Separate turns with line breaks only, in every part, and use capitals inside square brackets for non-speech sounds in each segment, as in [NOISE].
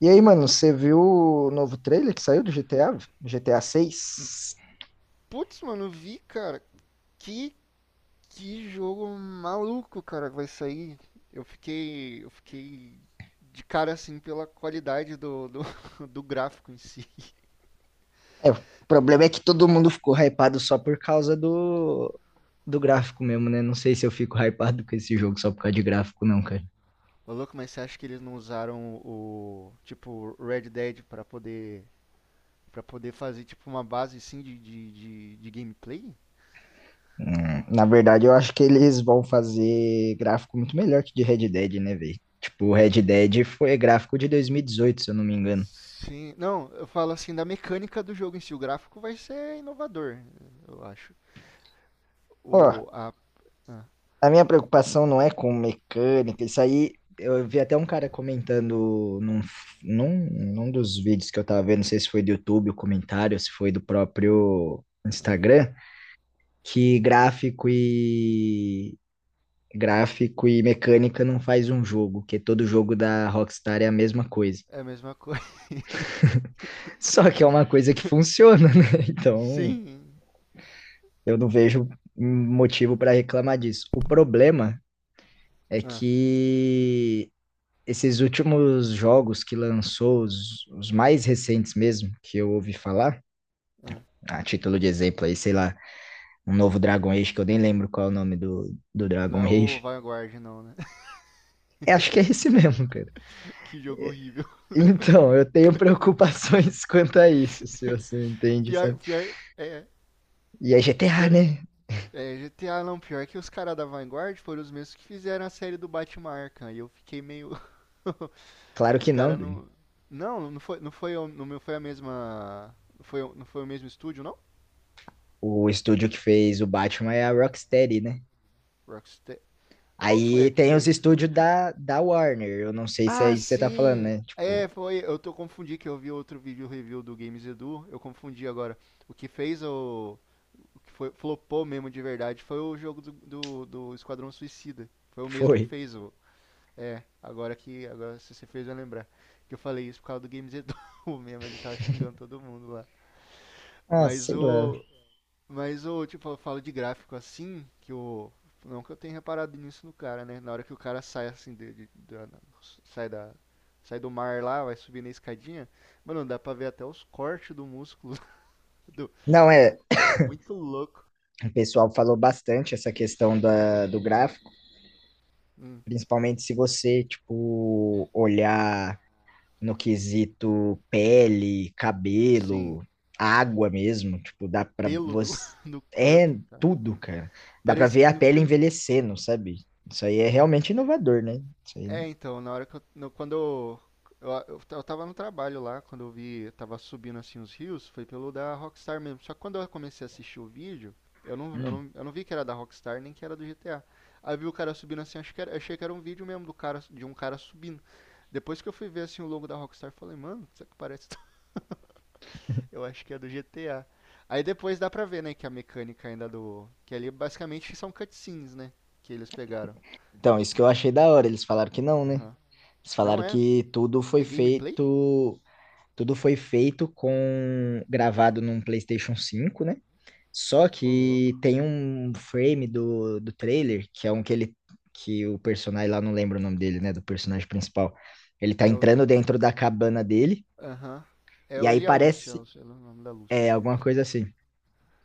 E aí, mano, você viu o novo trailer que saiu do GTA? GTA 6?
Putz, mano, vi, cara. Que, que jogo maluco, cara, que vai sair. Eu fiquei de cara assim pela qualidade [LAUGHS] do gráfico em si.
É, o problema é que todo mundo ficou hypado só por causa do gráfico mesmo, né? Não sei se eu fico hypado com esse jogo só por causa de gráfico, não, cara.
Ô, louco, mas você acha que eles não usaram o, tipo, Red Dead para poder fazer, tipo, uma base assim de gameplay?
Na verdade, eu acho que eles vão fazer gráfico muito melhor que de Red Dead, né, velho? Tipo, o Red Dead foi gráfico de 2018, se eu não me engano.
Sim, não, eu falo assim da mecânica do jogo em si. O gráfico vai ser inovador, eu acho.
Ó,
O, a, ah,
a minha preocupação não é com mecânica. Isso aí eu vi até um cara comentando num, num dos vídeos que eu tava vendo, não sei se foi do YouTube o comentário, se foi do próprio Instagram, que gráfico e mecânica não faz um jogo, que todo jogo da Rockstar é a mesma coisa.
é a mesma coisa.
[LAUGHS] Só que é uma coisa que funciona, né? [LAUGHS]
[LAUGHS]
Então,
Sim.
eu não vejo motivo para reclamar disso. O problema é
Ah,
que esses últimos jogos que lançou, os mais recentes mesmo, que eu ouvi falar,
ah.
a título de exemplo aí, sei lá, um novo Dragon Age, que eu nem lembro qual é o nome do
Não
Dragon
é o
Age.
Vanguard, não, né? [LAUGHS]
É, acho que é esse [LAUGHS] mesmo, cara.
Que jogo horrível.
Então, eu tenho preocupações [LAUGHS] quanto a isso, se você entende,
Pior,
sabe?
pior,
E é GTA,
pior.
né?
É, GTA não, pior que os caras da Vanguard foram os mesmos que fizeram a série do Batman Arkham. E eu fiquei meio. [LAUGHS]
Claro
Os
que não,
caras
Dani.
não. Não, não foi a mesma. Não foi o mesmo estúdio, não?
O estúdio que fez o Batman é a Rocksteady, né?
Rockstar. Qual foi
Aí
a que
tem os
fez o.
estúdios da, Warner. Eu não sei se é
Ah,
isso que você tá falando,
sim!
né? Tipo,
É, foi. Eu tô confundi que eu vi outro vídeo review do Games Edu. Eu confundi agora. O que fez o. Que foi, flopou mesmo de verdade, foi o jogo do Esquadrão Suicida. Foi o mesmo que
foi.
fez o. É, agora que. Agora se você fez eu lembrar. Que eu falei isso por causa do Games Edu [LAUGHS] mesmo, ele tava xingando todo mundo lá.
Ah,
Mas
sei lá.
o. Mas o, tipo, eu falo de gráfico assim, que o. Não que eu tenha reparado nisso no cara, né? Na hora que o cara sai assim, sai da. Sai do mar lá, vai subir na escadinha. Mano, dá pra ver até os cortes do músculo. [LAUGHS] Do.
Não, é,
Tá muito louco.
o pessoal falou bastante essa questão do gráfico,
Hum,
principalmente se você, tipo, olhar no quesito pele,
sim.
cabelo, água mesmo, tipo, dá pra
Pelo
você.
[LAUGHS] do
É
corpo, cara.
tudo, cara. Dá pra
Parecia.
ver a
No
pele
prim-
envelhecendo, sabe? Isso aí é realmente inovador, né? Isso aí, né?
É, então, na hora que eu. Quando eu tava no trabalho lá, quando eu vi. Eu tava subindo assim os rios, foi pelo da Rockstar mesmo. Só que quando eu comecei a assistir o vídeo, eu não, eu
Hum.
não, eu não vi que era da Rockstar nem que era do GTA. Aí eu vi o cara subindo assim, acho que era, achei que era um vídeo mesmo do cara, de um cara subindo. Depois que eu fui ver assim o logo da Rockstar, eu falei, mano, isso aqui parece. [LAUGHS] Eu acho que é do GTA. Aí depois dá pra ver, né, que a mecânica ainda do. Que ali basicamente são cutscenes, né? Que eles pegaram.
Então, isso que eu achei da hora, eles falaram que não, né?
Aham.
Eles
Não
falaram
é?
que tudo
É
foi
gameplay?
feito. Tudo foi feito com. Gravado num PlayStation 5, né? Só
Ô, louco.
que tem um frame do trailer, que é um que que o personagem lá, não lembro o nome dele, né, do personagem principal. Ele tá
É o.
entrando dentro da cabana dele,
Aham. É
e
o-
aí
ele e a Lúcia, eu
parece,
sei o nome da Lúcia só.
alguma coisa assim.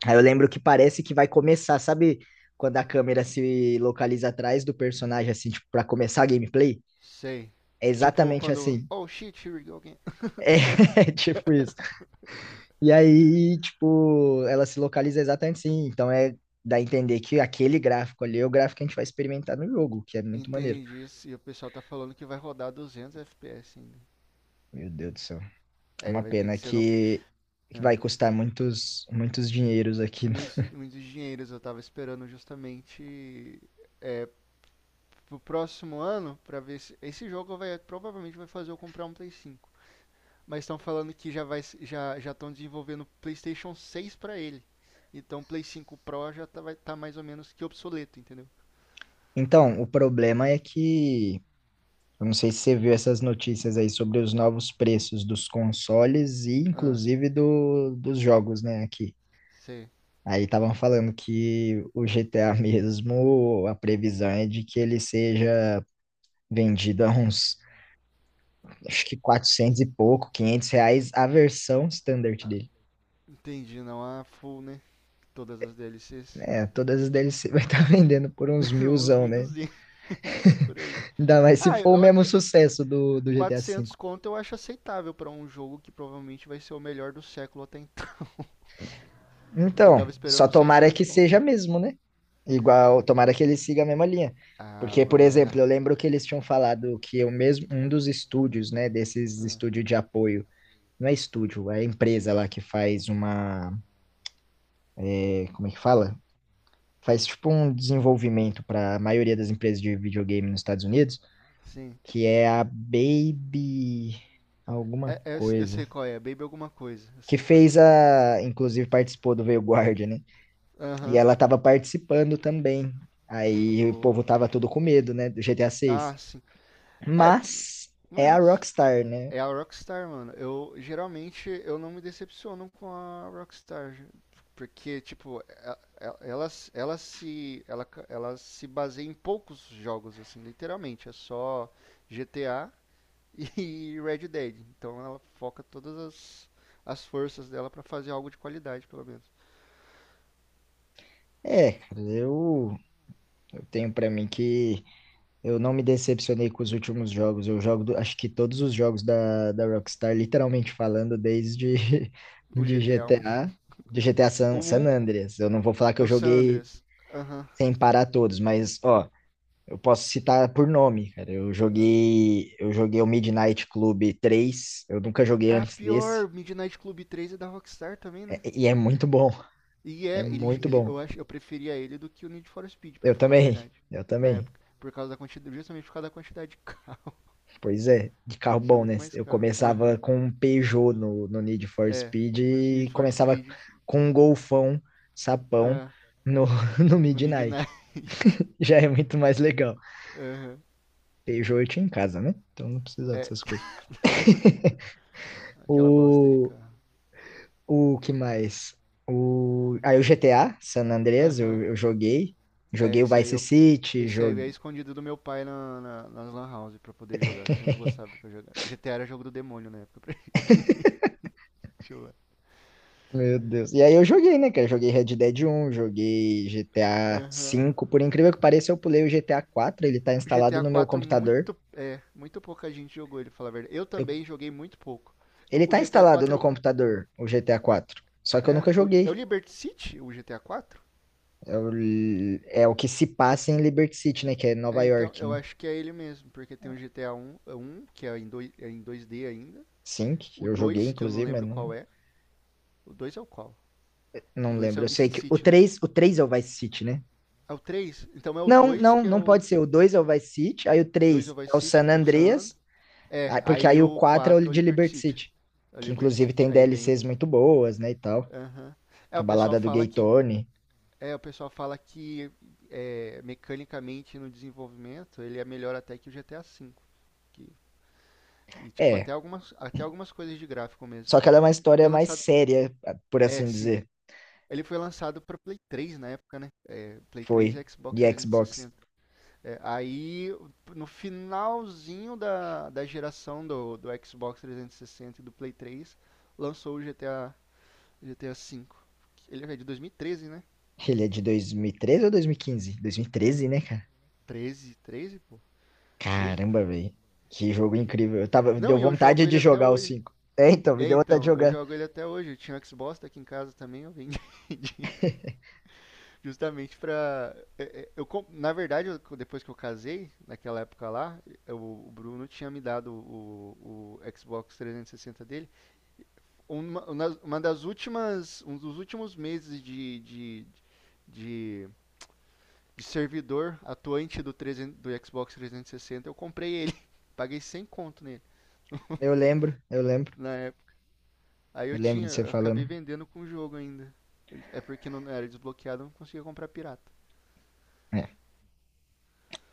Aí eu lembro que parece que vai começar, sabe, quando a câmera se localiza atrás do personagem, assim, tipo, pra começar a gameplay.
Sei.
É
Tipo,
exatamente
quando.
assim.
Oh shit, here we go again. [LAUGHS]
É, [LAUGHS] tipo isso. E aí, tipo, ela se localiza exatamente assim. Então dá a entender que aquele gráfico ali é o gráfico que a gente vai experimentar no jogo, que é muito maneiro.
Entendi isso. E o pessoal tá falando que vai rodar 200 FPS ainda.
Meu Deus do céu. É
Aí
uma
vai ter
pena
que ser no.
que
Ah.
vai custar muitos muitos dinheiros aqui.
Muitos,
[LAUGHS]
muitos dinheiros eu tava esperando justamente pro próximo ano pra ver se. Esse jogo vai provavelmente vai fazer eu comprar um Play 5. Mas estão falando que já vai já já estão desenvolvendo PlayStation 6 para ele. Então o Play 5 Pro já tá, vai tá mais ou menos que obsoleto, entendeu?
Então, o problema é que eu não sei se você viu essas notícias aí sobre os novos preços dos consoles e
Ah,
inclusive dos jogos, né, aqui.
sei.
Aí estavam falando que o GTA [LAUGHS] mesmo, a previsão é de que ele seja vendido a uns, acho que, 400 e pouco, 500 reais, a versão standard
Ah,
dele.
entendi, não full, né? Todas as DLCs.
É, todas as DLC vai estar [LAUGHS] vendendo por uns
[LAUGHS] Uns
milzão,
mil e
né?
duzentos por aí.
Ainda mais se
Ah,
for o mesmo sucesso do GTA V.
400 conto eu acho aceitável pra um jogo que provavelmente vai ser o melhor do século até então. Eu
Então,
tava
só
esperando uns
tomara
600
que
conto.
seja mesmo, né? Igual, tomara que ele siga a mesma linha.
Ah,
Porque, por
mano, é,
exemplo, eu lembro que eles tinham falado que o mesmo, um dos estúdios, né, desses estúdios de apoio, não é estúdio, é empresa lá que faz uma, como é que fala? Faz tipo um desenvolvimento para a maioria das empresas de videogame nos Estados Unidos,
sim.
que é a Baby alguma
É, é, eu
coisa,
sei qual é, Baby alguma coisa, eu
que
sei qual é.
fez inclusive participou do Veio Guarda, né? E
Aham,
ela tava participando também. Aí o
do,
povo
do
tava todo com medo, né, do GTA
GTA.
6.
Ah, sim. É,
Mas é a
mas
Rockstar, né?
é a Rockstar, mano. Eu geralmente eu não me decepciono com a Rockstar, porque tipo, e- ela, ela se baseia em poucos jogos assim, literalmente, é só GTA e [LAUGHS] Red Dead. Então ela foca todas as as forças dela pra fazer algo de qualidade, pelo menos.
É, cara, eu tenho pra mim que eu não me decepcionei com os últimos jogos. Eu jogo, acho que todos os jogos da, Rockstar, literalmente falando, desde [LAUGHS]
O
de
GTA um,
GTA,
o
San
um
Andreas. Eu não vou falar que
é
eu
o San
joguei
Andreas. Aham.
sem parar todos, mas ó, eu posso citar por nome, cara. Eu
Aham.
joguei, eu joguei o Midnight Club 3. Eu nunca joguei
Ah,
antes desse,
pior, Midnight Club 3 é da Rockstar também, né?
e é muito bom,
E
é
é,
muito bom.
eu acho, eu preferia ele do que o Need for Speed, pra
Eu
falar a
também,
verdade,
eu
na
também.
época, por causa da quantidade, justamente por causa da quantidade de carro.
Pois é, de carro
[LAUGHS] Tinha
bom, né?
muito mais
Eu
carro.
começava
Aham.
com um Peugeot no, Need for
É,
Speed
no Need
e
for
começava
Speed,
com um Golfão, sapão
ah,
no, [LAUGHS] no
no
Midnight.
Midnight. [LAUGHS]
Já é muito mais legal.
Aham.
Peugeot eu tinha em casa, né? Então não precisava
É,
dessas coisas.
aquela bosta de
O,
carro.
O que mais? Aí o GTA, San Andreas, eu,
Aham.
eu joguei.
É,
Joguei o
esse aí
Vice
eu
City,
esse aí é
joguei.
escondido do meu pai nas lan house pra poder jogar, que eu não gostava que eu jogava. GTA era jogo do demônio na época pra [LAUGHS] gente jogar.
Meu Deus. E aí eu joguei, né, cara? Joguei Red Dead 1, joguei GTA
Aham.
5. Por incrível que pareça, eu pulei o GTA 4. Ele tá
O
instalado
GTA
no meu
4
computador.
muito, é, muito pouca gente jogou ele, fala a verdade. Eu
Eu-
também joguei muito pouco. Eu-
Ele
o
tá
GTA
instalado no
4
computador, o GTA 4. Só que eu nunca
é o
joguei.
Liberty City, o GTA 4?
É o, é o que se passa em Liberty City, né? Que é Nova
É, então
York,
eu
né?
acho que é ele mesmo, porque tem o GTA 1, é um, que é em, dois é em 2D ainda,
Sim, que
o
eu joguei,
2 que eu não
inclusive, mas
lembro qual
não,
é. O 2 é o qual? O
não
2 é
lembro.
o
Eu sei
Vice
que
City, né?
o 3 é o Vice City, né?
É o três. Então é o
Não,
2
não,
que é
não
o
pode ser. O 2 é o Vice City, aí o
2 é
3
o Vice
é o
City,
San
o San
Andreas,
Andreas. É,
porque
aí
aí o
o
4 é o
4 é o
de
Liberty
Liberty
City.
City,
É o
que
Liberty
inclusive
City.
tem
Aí vem o
DLCs
5.
muito boas, né, e tal.
Aham. É,
A
o pessoal
balada do
fala
Gay
que
Tony.
É, o pessoal fala que é, mecanicamente no desenvolvimento ele é melhor até que o GTA V. que- e tipo,
É,
até algumas coisas de gráfico mesmo.
só que ela é uma
Ele
história
foi
mais
lançado.
séria, por
É,
assim
sim.
dizer.
Ele foi lançado para Play 3 na época, né? É, Play 3
Foi
e Xbox
de Xbox.
360. É, aí, no finalzinho da geração do Xbox 360 e sessenta e do Play 3, lançou o GTA V. Ele é de 2013, né?
Ele é de 2013 ou 2015? 2013, né, cara?
13, 13, pô? 13,
Caramba,
porque.
velho. Que jogo incrível. Eu tava, deu
Não, e eu
vontade
jogo ele
de
até
jogar o
hoje.
5. É, então, me
É,
deu vontade de
então, eu
jogar.
jogo ele até hoje. Eu tinha um Xbox aqui em casa também, eu vendi [LAUGHS] justamente pra. É, é, na verdade, depois que eu casei, naquela época lá, eu- o Bruno tinha me dado o Xbox 360 dele. Um dos últimos meses de, de servidor atuante do, 300 do Xbox 360, eu comprei ele. [LAUGHS] Paguei 100 conto nele.
Eu lembro, eu lembro.
Na época. Aí
Eu
eu
lembro
tinha,
de você
eu
falando.
acabei vendendo com o jogo ainda. É porque não era desbloqueado, eu não conseguia comprar pirata.
É.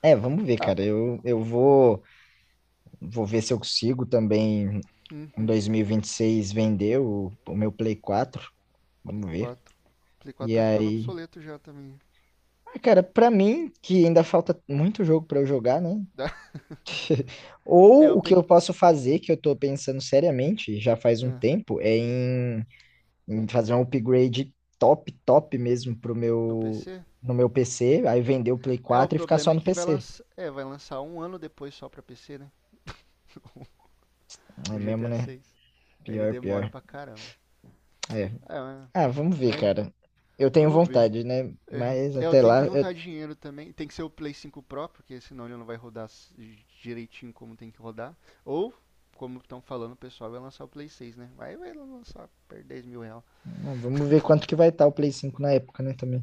É, vamos ver,
Ah,
cara. Eu vou ver se eu consigo também em
uhum,
dois mil e vinte e seis vender o meu Play 4.
Play
Vamos ver.
4. Play
E
4 tá ficando
aí,
obsoleto já também.
ah, cara, pra mim, que ainda falta muito jogo pra eu jogar, né?
Dá- [LAUGHS] É,
Ou
eu
o que eu
peguei.
posso fazer, que eu tô pensando seriamente, já faz um
Ah,
tempo, é em fazer um upgrade top, top mesmo
no PC?
no meu PC, aí vender o Play
É, o
4 e ficar só
problema é
no
que vai
PC.
lançar. É, vai lançar um ano depois só pra PC, né? O
É mesmo,
GTA
né?
6. Aí ele
Pior,
demora
pior.
pra caramba.
É.
É, mas.
Ah, vamos ver,
mas
cara. Eu tenho
Vamos ver.
vontade, né?
É.
Mas
É, eu
até
tenho
lá,
que juntar dinheiro também. Tem que ser o Play 5 Pro, porque senão ele não vai rodar direitinho como tem que rodar. Ou, como estão falando, o pessoal vai lançar o Play 6, né? Vai lançar por 10 mil reais.
ah, vamos ver quanto que vai estar o Play 5 na época, né, também.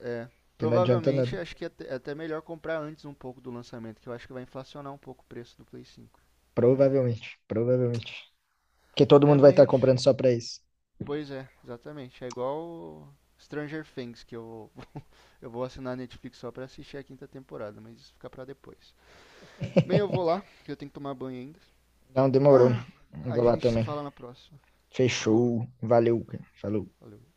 É.
Que não adianta nada.
Provavelmente, acho que é até, melhor comprar antes um pouco do lançamento, que eu acho que vai inflacionar um pouco o preço do Play 5. na-
Provavelmente, provavelmente. Porque todo
É,
mundo vai
mas
estar
gente.
comprando só pra isso.
Pois é, exatamente. É igual o Stranger Things, que [LAUGHS] eu vou assinar a Netflix só pra assistir a quinta temporada, mas isso fica pra depois. Bem, eu vou lá, que eu tenho que tomar banho ainda.
Não, demorou.
Ah,
Eu
a
vou lá
gente se
também.
fala na próxima. Falou,
Fechou. Valeu, cara. Falou.
valeu.